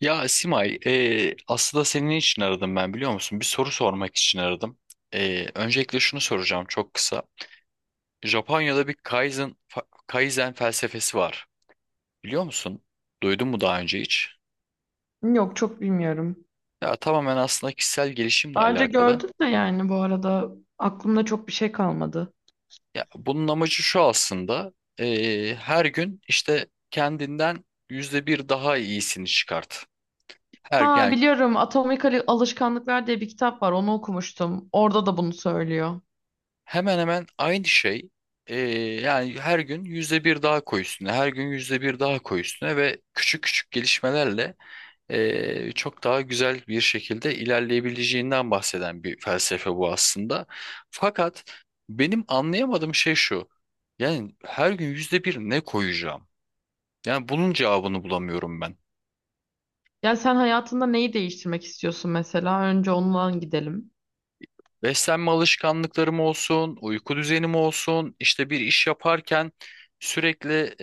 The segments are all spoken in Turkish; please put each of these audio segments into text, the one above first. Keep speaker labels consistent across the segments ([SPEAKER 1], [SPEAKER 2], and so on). [SPEAKER 1] Ya Simay, aslında senin için aradım ben, biliyor musun? Bir soru sormak için aradım. Öncelikle şunu soracağım, çok kısa. Japonya'da bir Kaizen Kaizen felsefesi var. Biliyor musun? Duydun mu daha önce hiç?
[SPEAKER 2] Yok, çok bilmiyorum.
[SPEAKER 1] Ya tamamen aslında kişisel gelişimle
[SPEAKER 2] Daha önce
[SPEAKER 1] alakalı.
[SPEAKER 2] gördüm de yani bu arada aklımda çok bir şey kalmadı.
[SPEAKER 1] Ya bunun amacı şu aslında. Her gün işte kendinden yüzde bir daha iyisini çıkart.
[SPEAKER 2] Ha
[SPEAKER 1] Yani
[SPEAKER 2] biliyorum, Alışkanlıklar diye bir kitap var, onu okumuştum. Orada da bunu söylüyor.
[SPEAKER 1] hemen hemen aynı şey. Ee, Yani her gün yüzde bir daha koy üstüne, her gün yüzde bir daha koy üstüne ve küçük küçük gelişmelerle çok daha güzel bir şekilde ilerleyebileceğinden bahseden bir felsefe bu aslında. Fakat benim anlayamadığım şey şu. Yani her gün yüzde bir ne koyacağım? Yani bunun cevabını bulamıyorum ben.
[SPEAKER 2] Yani sen hayatında neyi değiştirmek istiyorsun mesela? Önce ondan gidelim.
[SPEAKER 1] Beslenme alışkanlıklarım olsun, uyku düzenim olsun, işte bir iş yaparken sürekli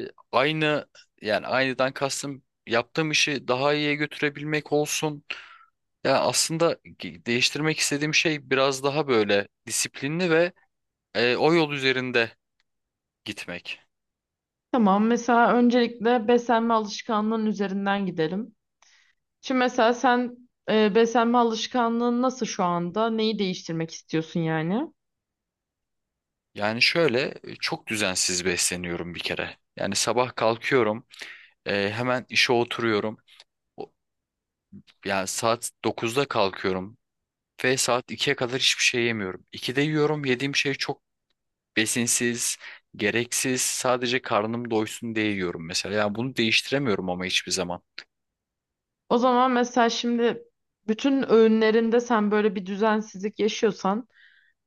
[SPEAKER 1] aynı, yani aynıdan kastım yaptığım işi daha iyiye götürebilmek olsun. Yani aslında değiştirmek istediğim şey biraz daha böyle disiplinli ve o yol üzerinde gitmek.
[SPEAKER 2] Tamam, mesela öncelikle beslenme alışkanlığın üzerinden gidelim. Şimdi mesela sen beslenme alışkanlığın nasıl şu anda? Neyi değiştirmek istiyorsun yani?
[SPEAKER 1] Yani şöyle çok düzensiz besleniyorum bir kere. Yani sabah kalkıyorum, hemen işe oturuyorum. O- Yani saat dokuzda kalkıyorum. Ve saat ikiye kadar hiçbir şey yemiyorum. 2'de yiyorum. Yediğim şey çok besinsiz, gereksiz. Sadece karnım doysun diye yiyorum mesela. Yani bunu değiştiremiyorum ama hiçbir zaman.
[SPEAKER 2] O zaman mesela şimdi bütün öğünlerinde sen böyle bir düzensizlik yaşıyorsan,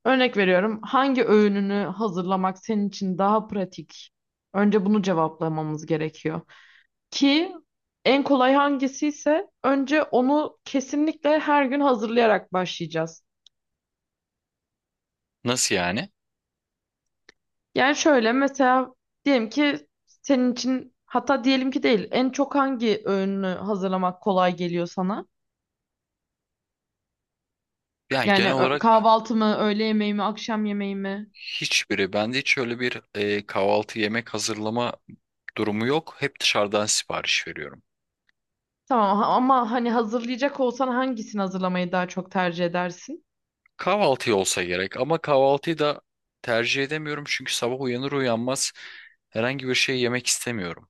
[SPEAKER 2] örnek veriyorum, hangi öğününü hazırlamak senin için daha pratik? Önce bunu cevaplamamız gerekiyor. Ki en kolay hangisiyse önce onu kesinlikle her gün hazırlayarak başlayacağız.
[SPEAKER 1] Nasıl yani?
[SPEAKER 2] Yani şöyle mesela, diyelim ki senin için, hatta diyelim ki değil, en çok hangi öğünü hazırlamak kolay geliyor sana?
[SPEAKER 1] Yani
[SPEAKER 2] Yani
[SPEAKER 1] genel olarak
[SPEAKER 2] kahvaltı mı, öğle yemeği mi, akşam yemeği mi?
[SPEAKER 1] hiçbiri. Bende hiç öyle bir kahvaltı yemek hazırlama durumu yok. Hep dışarıdan sipariş veriyorum.
[SPEAKER 2] Tamam ama hani hazırlayacak olsan hangisini hazırlamayı daha çok tercih edersin?
[SPEAKER 1] Kahvaltı olsa gerek ama kahvaltıyı da tercih edemiyorum çünkü sabah uyanır uyanmaz herhangi bir şey yemek istemiyorum.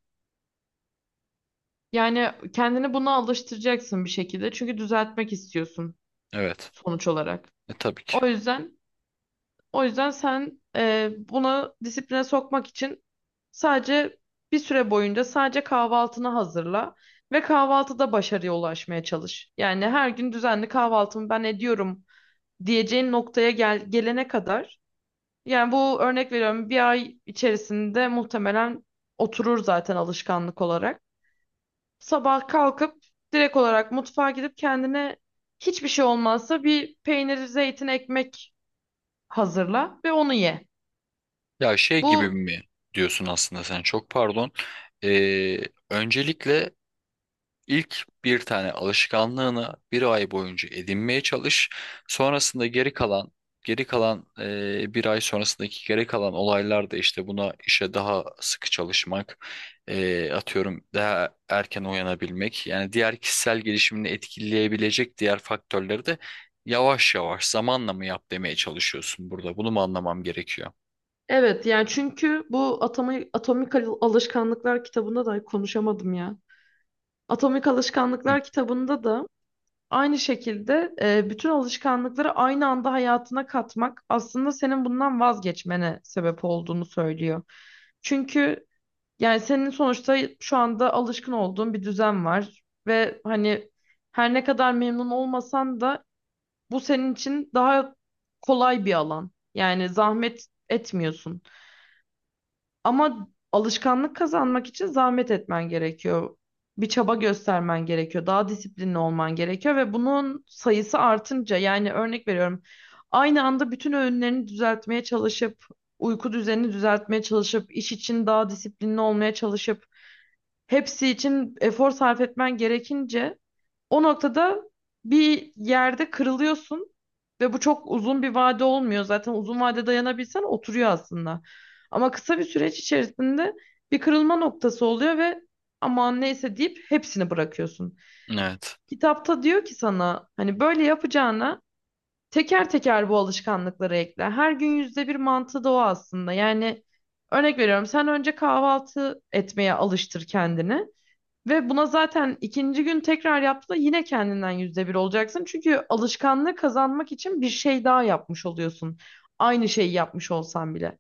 [SPEAKER 2] Yani kendini buna alıştıracaksın bir şekilde çünkü düzeltmek istiyorsun
[SPEAKER 1] Evet.
[SPEAKER 2] sonuç olarak.
[SPEAKER 1] Tabii ki.
[SPEAKER 2] O yüzden O yüzden sen bunu disipline sokmak için sadece bir süre boyunca sadece kahvaltını hazırla ve kahvaltıda başarıya ulaşmaya çalış. Yani her gün düzenli kahvaltımı ben ediyorum diyeceğin noktaya gel, gelene kadar. Yani bu, örnek veriyorum, bir ay içerisinde muhtemelen oturur zaten alışkanlık olarak. Sabah kalkıp direkt olarak mutfağa gidip kendine, hiçbir şey olmazsa bir peynir, zeytin, ekmek hazırla ve onu ye.
[SPEAKER 1] Ya şey gibi
[SPEAKER 2] Bu
[SPEAKER 1] mi diyorsun aslında sen, çok pardon. Ee, Öncelikle ilk bir tane alışkanlığını bir ay boyunca edinmeye çalış. Sonrasında geri kalan bir ay sonrasındaki geri kalan olaylar da işte buna, işe daha sıkı çalışmak, atıyorum daha erken uyanabilmek. Yani diğer kişisel gelişimini etkileyebilecek diğer faktörleri de yavaş yavaş zamanla mı yap demeye çalışıyorsun burada. Bunu mu anlamam gerekiyor?
[SPEAKER 2] Evet, yani çünkü bu Alışkanlıklar kitabında da konuşamadım ya. Atomik
[SPEAKER 1] Hı.
[SPEAKER 2] Alışkanlıklar kitabında da aynı şekilde bütün alışkanlıkları aynı anda hayatına katmak aslında senin bundan vazgeçmene sebep olduğunu söylüyor. Çünkü yani senin sonuçta şu anda alışkın olduğun bir düzen var ve hani her ne kadar memnun olmasan da bu senin için daha kolay bir alan. Yani zahmet etmiyorsun. Ama alışkanlık kazanmak için zahmet etmen gerekiyor. Bir çaba göstermen gerekiyor. Daha disiplinli olman gerekiyor ve bunun sayısı artınca, yani örnek veriyorum, aynı anda bütün öğünlerini düzeltmeye çalışıp, uyku düzenini düzeltmeye çalışıp, iş için daha disiplinli olmaya çalışıp, hepsi için efor sarf etmen gerekince o noktada bir yerde kırılıyorsun ve bu çok uzun bir vade olmuyor. Zaten uzun vade dayanabilsen oturuyor aslında. Ama kısa bir süreç içerisinde bir kırılma noktası oluyor ve aman neyse deyip hepsini bırakıyorsun.
[SPEAKER 1] Evet.
[SPEAKER 2] Kitapta diyor ki sana, hani böyle yapacağına teker teker bu alışkanlıkları ekle. Her gün yüzde bir mantığı da o aslında. Yani örnek veriyorum, sen önce kahvaltı etmeye alıştır kendini. Ve buna zaten ikinci gün tekrar yaptığında yine kendinden yüzde bir olacaksın. Çünkü alışkanlığı kazanmak için bir şey daha yapmış oluyorsun. Aynı şeyi yapmış olsan bile.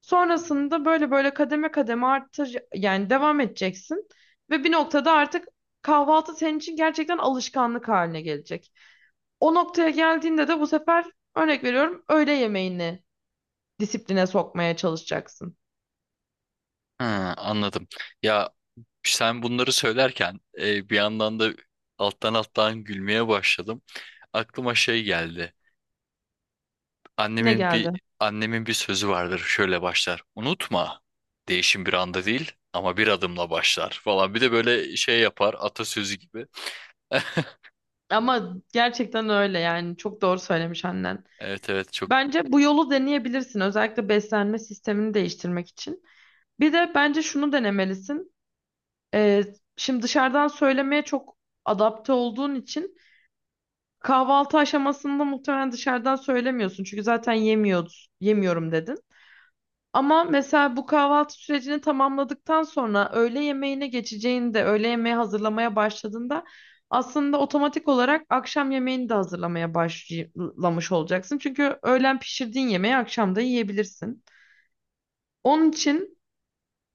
[SPEAKER 2] Sonrasında böyle böyle kademe kademe artır, yani devam edeceksin. Ve bir noktada artık kahvaltı senin için gerçekten alışkanlık haline gelecek. O noktaya geldiğinde de bu sefer, örnek veriyorum, öğle yemeğini disipline sokmaya çalışacaksın.
[SPEAKER 1] Ha, anladım. Ya sen bunları söylerken bir yandan da alttan alttan gülmeye başladım. Aklıma şey geldi.
[SPEAKER 2] Ne
[SPEAKER 1] Annemin bir
[SPEAKER 2] geldi?
[SPEAKER 1] annemin bir sözü vardır. Şöyle başlar. Unutma. Değişim bir anda değil ama bir adımla başlar falan. Bir de böyle şey yapar, atasözü gibi.
[SPEAKER 2] Ama gerçekten öyle yani, çok doğru söylemiş annen.
[SPEAKER 1] Evet, evet, çok.
[SPEAKER 2] Bence bu yolu deneyebilirsin. Özellikle beslenme sistemini değiştirmek için. Bir de bence şunu denemelisin. Ee, Şimdi dışarıdan söylemeye çok adapte olduğun için kahvaltı aşamasında muhtemelen dışarıdan söylemiyorsun. Çünkü zaten yemiyoruz, yemiyorum dedin. Ama mesela bu kahvaltı sürecini tamamladıktan sonra öğle yemeğine geçeceğinde, öğle yemeği hazırlamaya başladığında aslında otomatik olarak akşam yemeğini de hazırlamaya başlamış olacaksın. Çünkü öğlen pişirdiğin yemeği akşam da yiyebilirsin. Onun için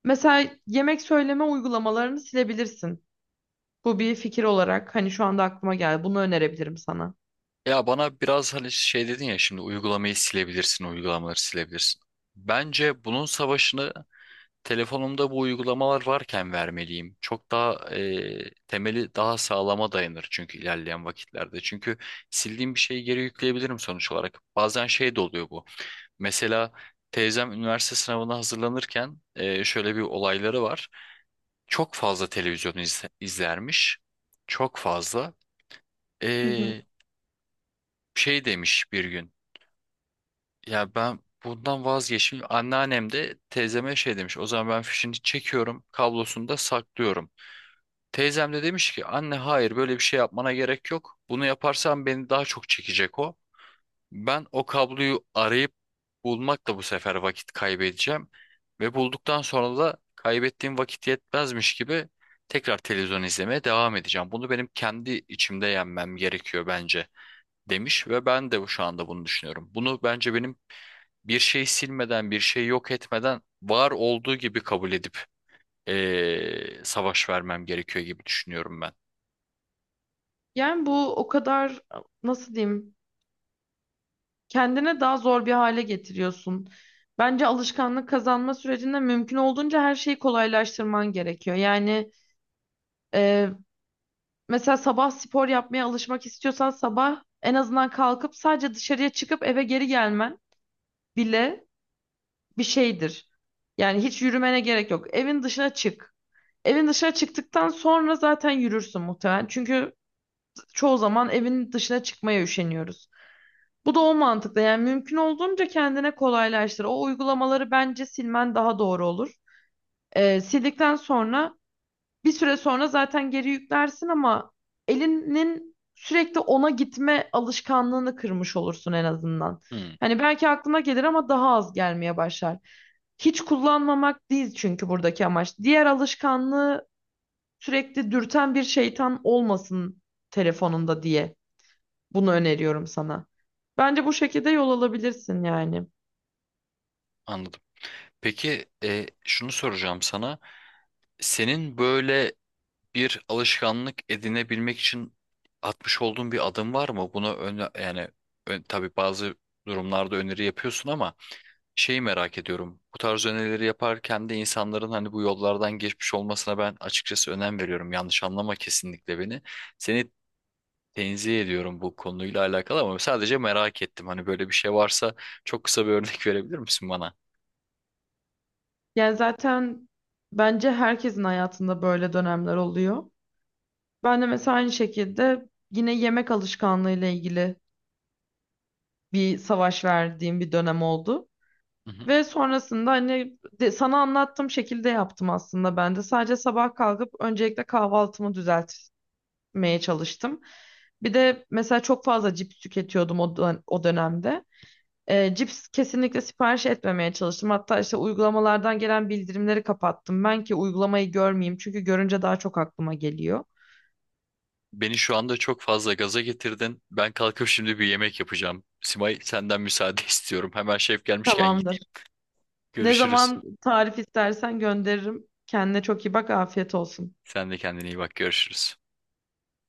[SPEAKER 2] mesela yemek söyleme uygulamalarını silebilirsin. Bu bir fikir olarak hani şu anda aklıma geldi. Bunu önerebilirim sana.
[SPEAKER 1] Ya bana biraz hani şey dedin ya, şimdi uygulamayı silebilirsin, uygulamaları silebilirsin. Bence bunun savaşını telefonumda bu uygulamalar varken vermeliyim. Çok daha temeli daha sağlama dayanır çünkü ilerleyen vakitlerde. Çünkü sildiğim bir şeyi geri yükleyebilirim sonuç olarak. Bazen şey de oluyor bu. Mesela teyzem üniversite sınavına hazırlanırken şöyle bir olayları var. Çok fazla televizyon izlermiş. Çok fazla.
[SPEAKER 2] Hı hı.
[SPEAKER 1] E, Şey demiş bir gün. Ya ben Bundan vazgeçmiş. Anneannem de teyzeme şey demiş. O zaman ben fişini çekiyorum, kablosunu da saklıyorum. Teyzem de demiş ki, anne hayır, böyle bir şey yapmana gerek yok. Bunu yaparsan beni daha çok çekecek o. Ben o kabloyu arayıp bulmakla bu sefer vakit kaybedeceğim. Ve bulduktan sonra da kaybettiğim vakit yetmezmiş gibi tekrar televizyon izlemeye devam edeceğim. Bunu benim kendi içimde yenmem gerekiyor bence, demiş ve ben de şu anda bunu düşünüyorum. Bunu bence benim bir şeyi silmeden, bir şeyi yok etmeden var olduğu gibi kabul edip savaş vermem gerekiyor gibi düşünüyorum ben.
[SPEAKER 2] Yani bu o kadar, nasıl diyeyim, kendine daha zor bir hale getiriyorsun. Bence alışkanlık kazanma sürecinde mümkün olduğunca her şeyi kolaylaştırman gerekiyor. Yani mesela sabah spor yapmaya alışmak istiyorsan sabah en azından kalkıp sadece dışarıya çıkıp eve geri gelmen bile bir şeydir. Yani hiç yürümene gerek yok. Evin dışına çık. Evin dışına çıktıktan sonra zaten yürürsün muhtemelen. Çünkü çoğu zaman evin dışına çıkmaya üşeniyoruz. Bu da o mantıkla, yani mümkün olduğunca kendine kolaylaştır. O uygulamaları bence silmen daha doğru olur. Sildikten sonra, bir süre sonra zaten geri yüklersin ama elinin sürekli ona gitme alışkanlığını kırmış olursun en azından.
[SPEAKER 1] Hmm.
[SPEAKER 2] Hani belki aklına gelir ama daha az gelmeye başlar. Hiç kullanmamak değil çünkü buradaki amaç. Diğer alışkanlığı sürekli dürten bir şeytan olmasın telefonunda diye bunu öneriyorum sana. Bence bu şekilde yol alabilirsin yani.
[SPEAKER 1] Anladım. Peki, şunu soracağım sana. Senin böyle bir alışkanlık edinebilmek için atmış olduğun bir adım var mı? Buna yani tabii bazı durumlarda öneri yapıyorsun ama şeyi merak ediyorum. Bu tarz önerileri yaparken de insanların hani bu yollardan geçmiş olmasına ben açıkçası önem veriyorum. Yanlış anlama kesinlikle beni. Seni tenzih ediyorum bu konuyla alakalı ama sadece merak ettim. Hani böyle bir şey varsa çok kısa bir örnek verebilir misin bana?
[SPEAKER 2] Yani zaten bence herkesin hayatında böyle dönemler oluyor. Ben de mesela aynı şekilde yine yemek alışkanlığı ile ilgili bir savaş verdiğim bir dönem oldu. Ve sonrasında hani sana anlattığım şekilde yaptım aslında ben de. Sadece sabah kalkıp öncelikle kahvaltımı düzeltmeye çalıştım. Bir de mesela çok fazla cips tüketiyordum o dönemde. Cips kesinlikle sipariş etmemeye çalıştım. Hatta işte uygulamalardan gelen bildirimleri kapattım. Ben ki uygulamayı görmeyeyim çünkü görünce daha çok aklıma geliyor.
[SPEAKER 1] Beni şu anda çok fazla gaza getirdin. Ben kalkıp şimdi bir yemek yapacağım. Simay, senden müsaade istiyorum. Hemen şef gelmişken
[SPEAKER 2] Tamamdır.
[SPEAKER 1] gideyim.
[SPEAKER 2] Ne
[SPEAKER 1] Görüşürüz.
[SPEAKER 2] zaman tarif istersen gönderirim. Kendine çok iyi bak. Afiyet olsun.
[SPEAKER 1] Sen de kendine iyi bak. Görüşürüz.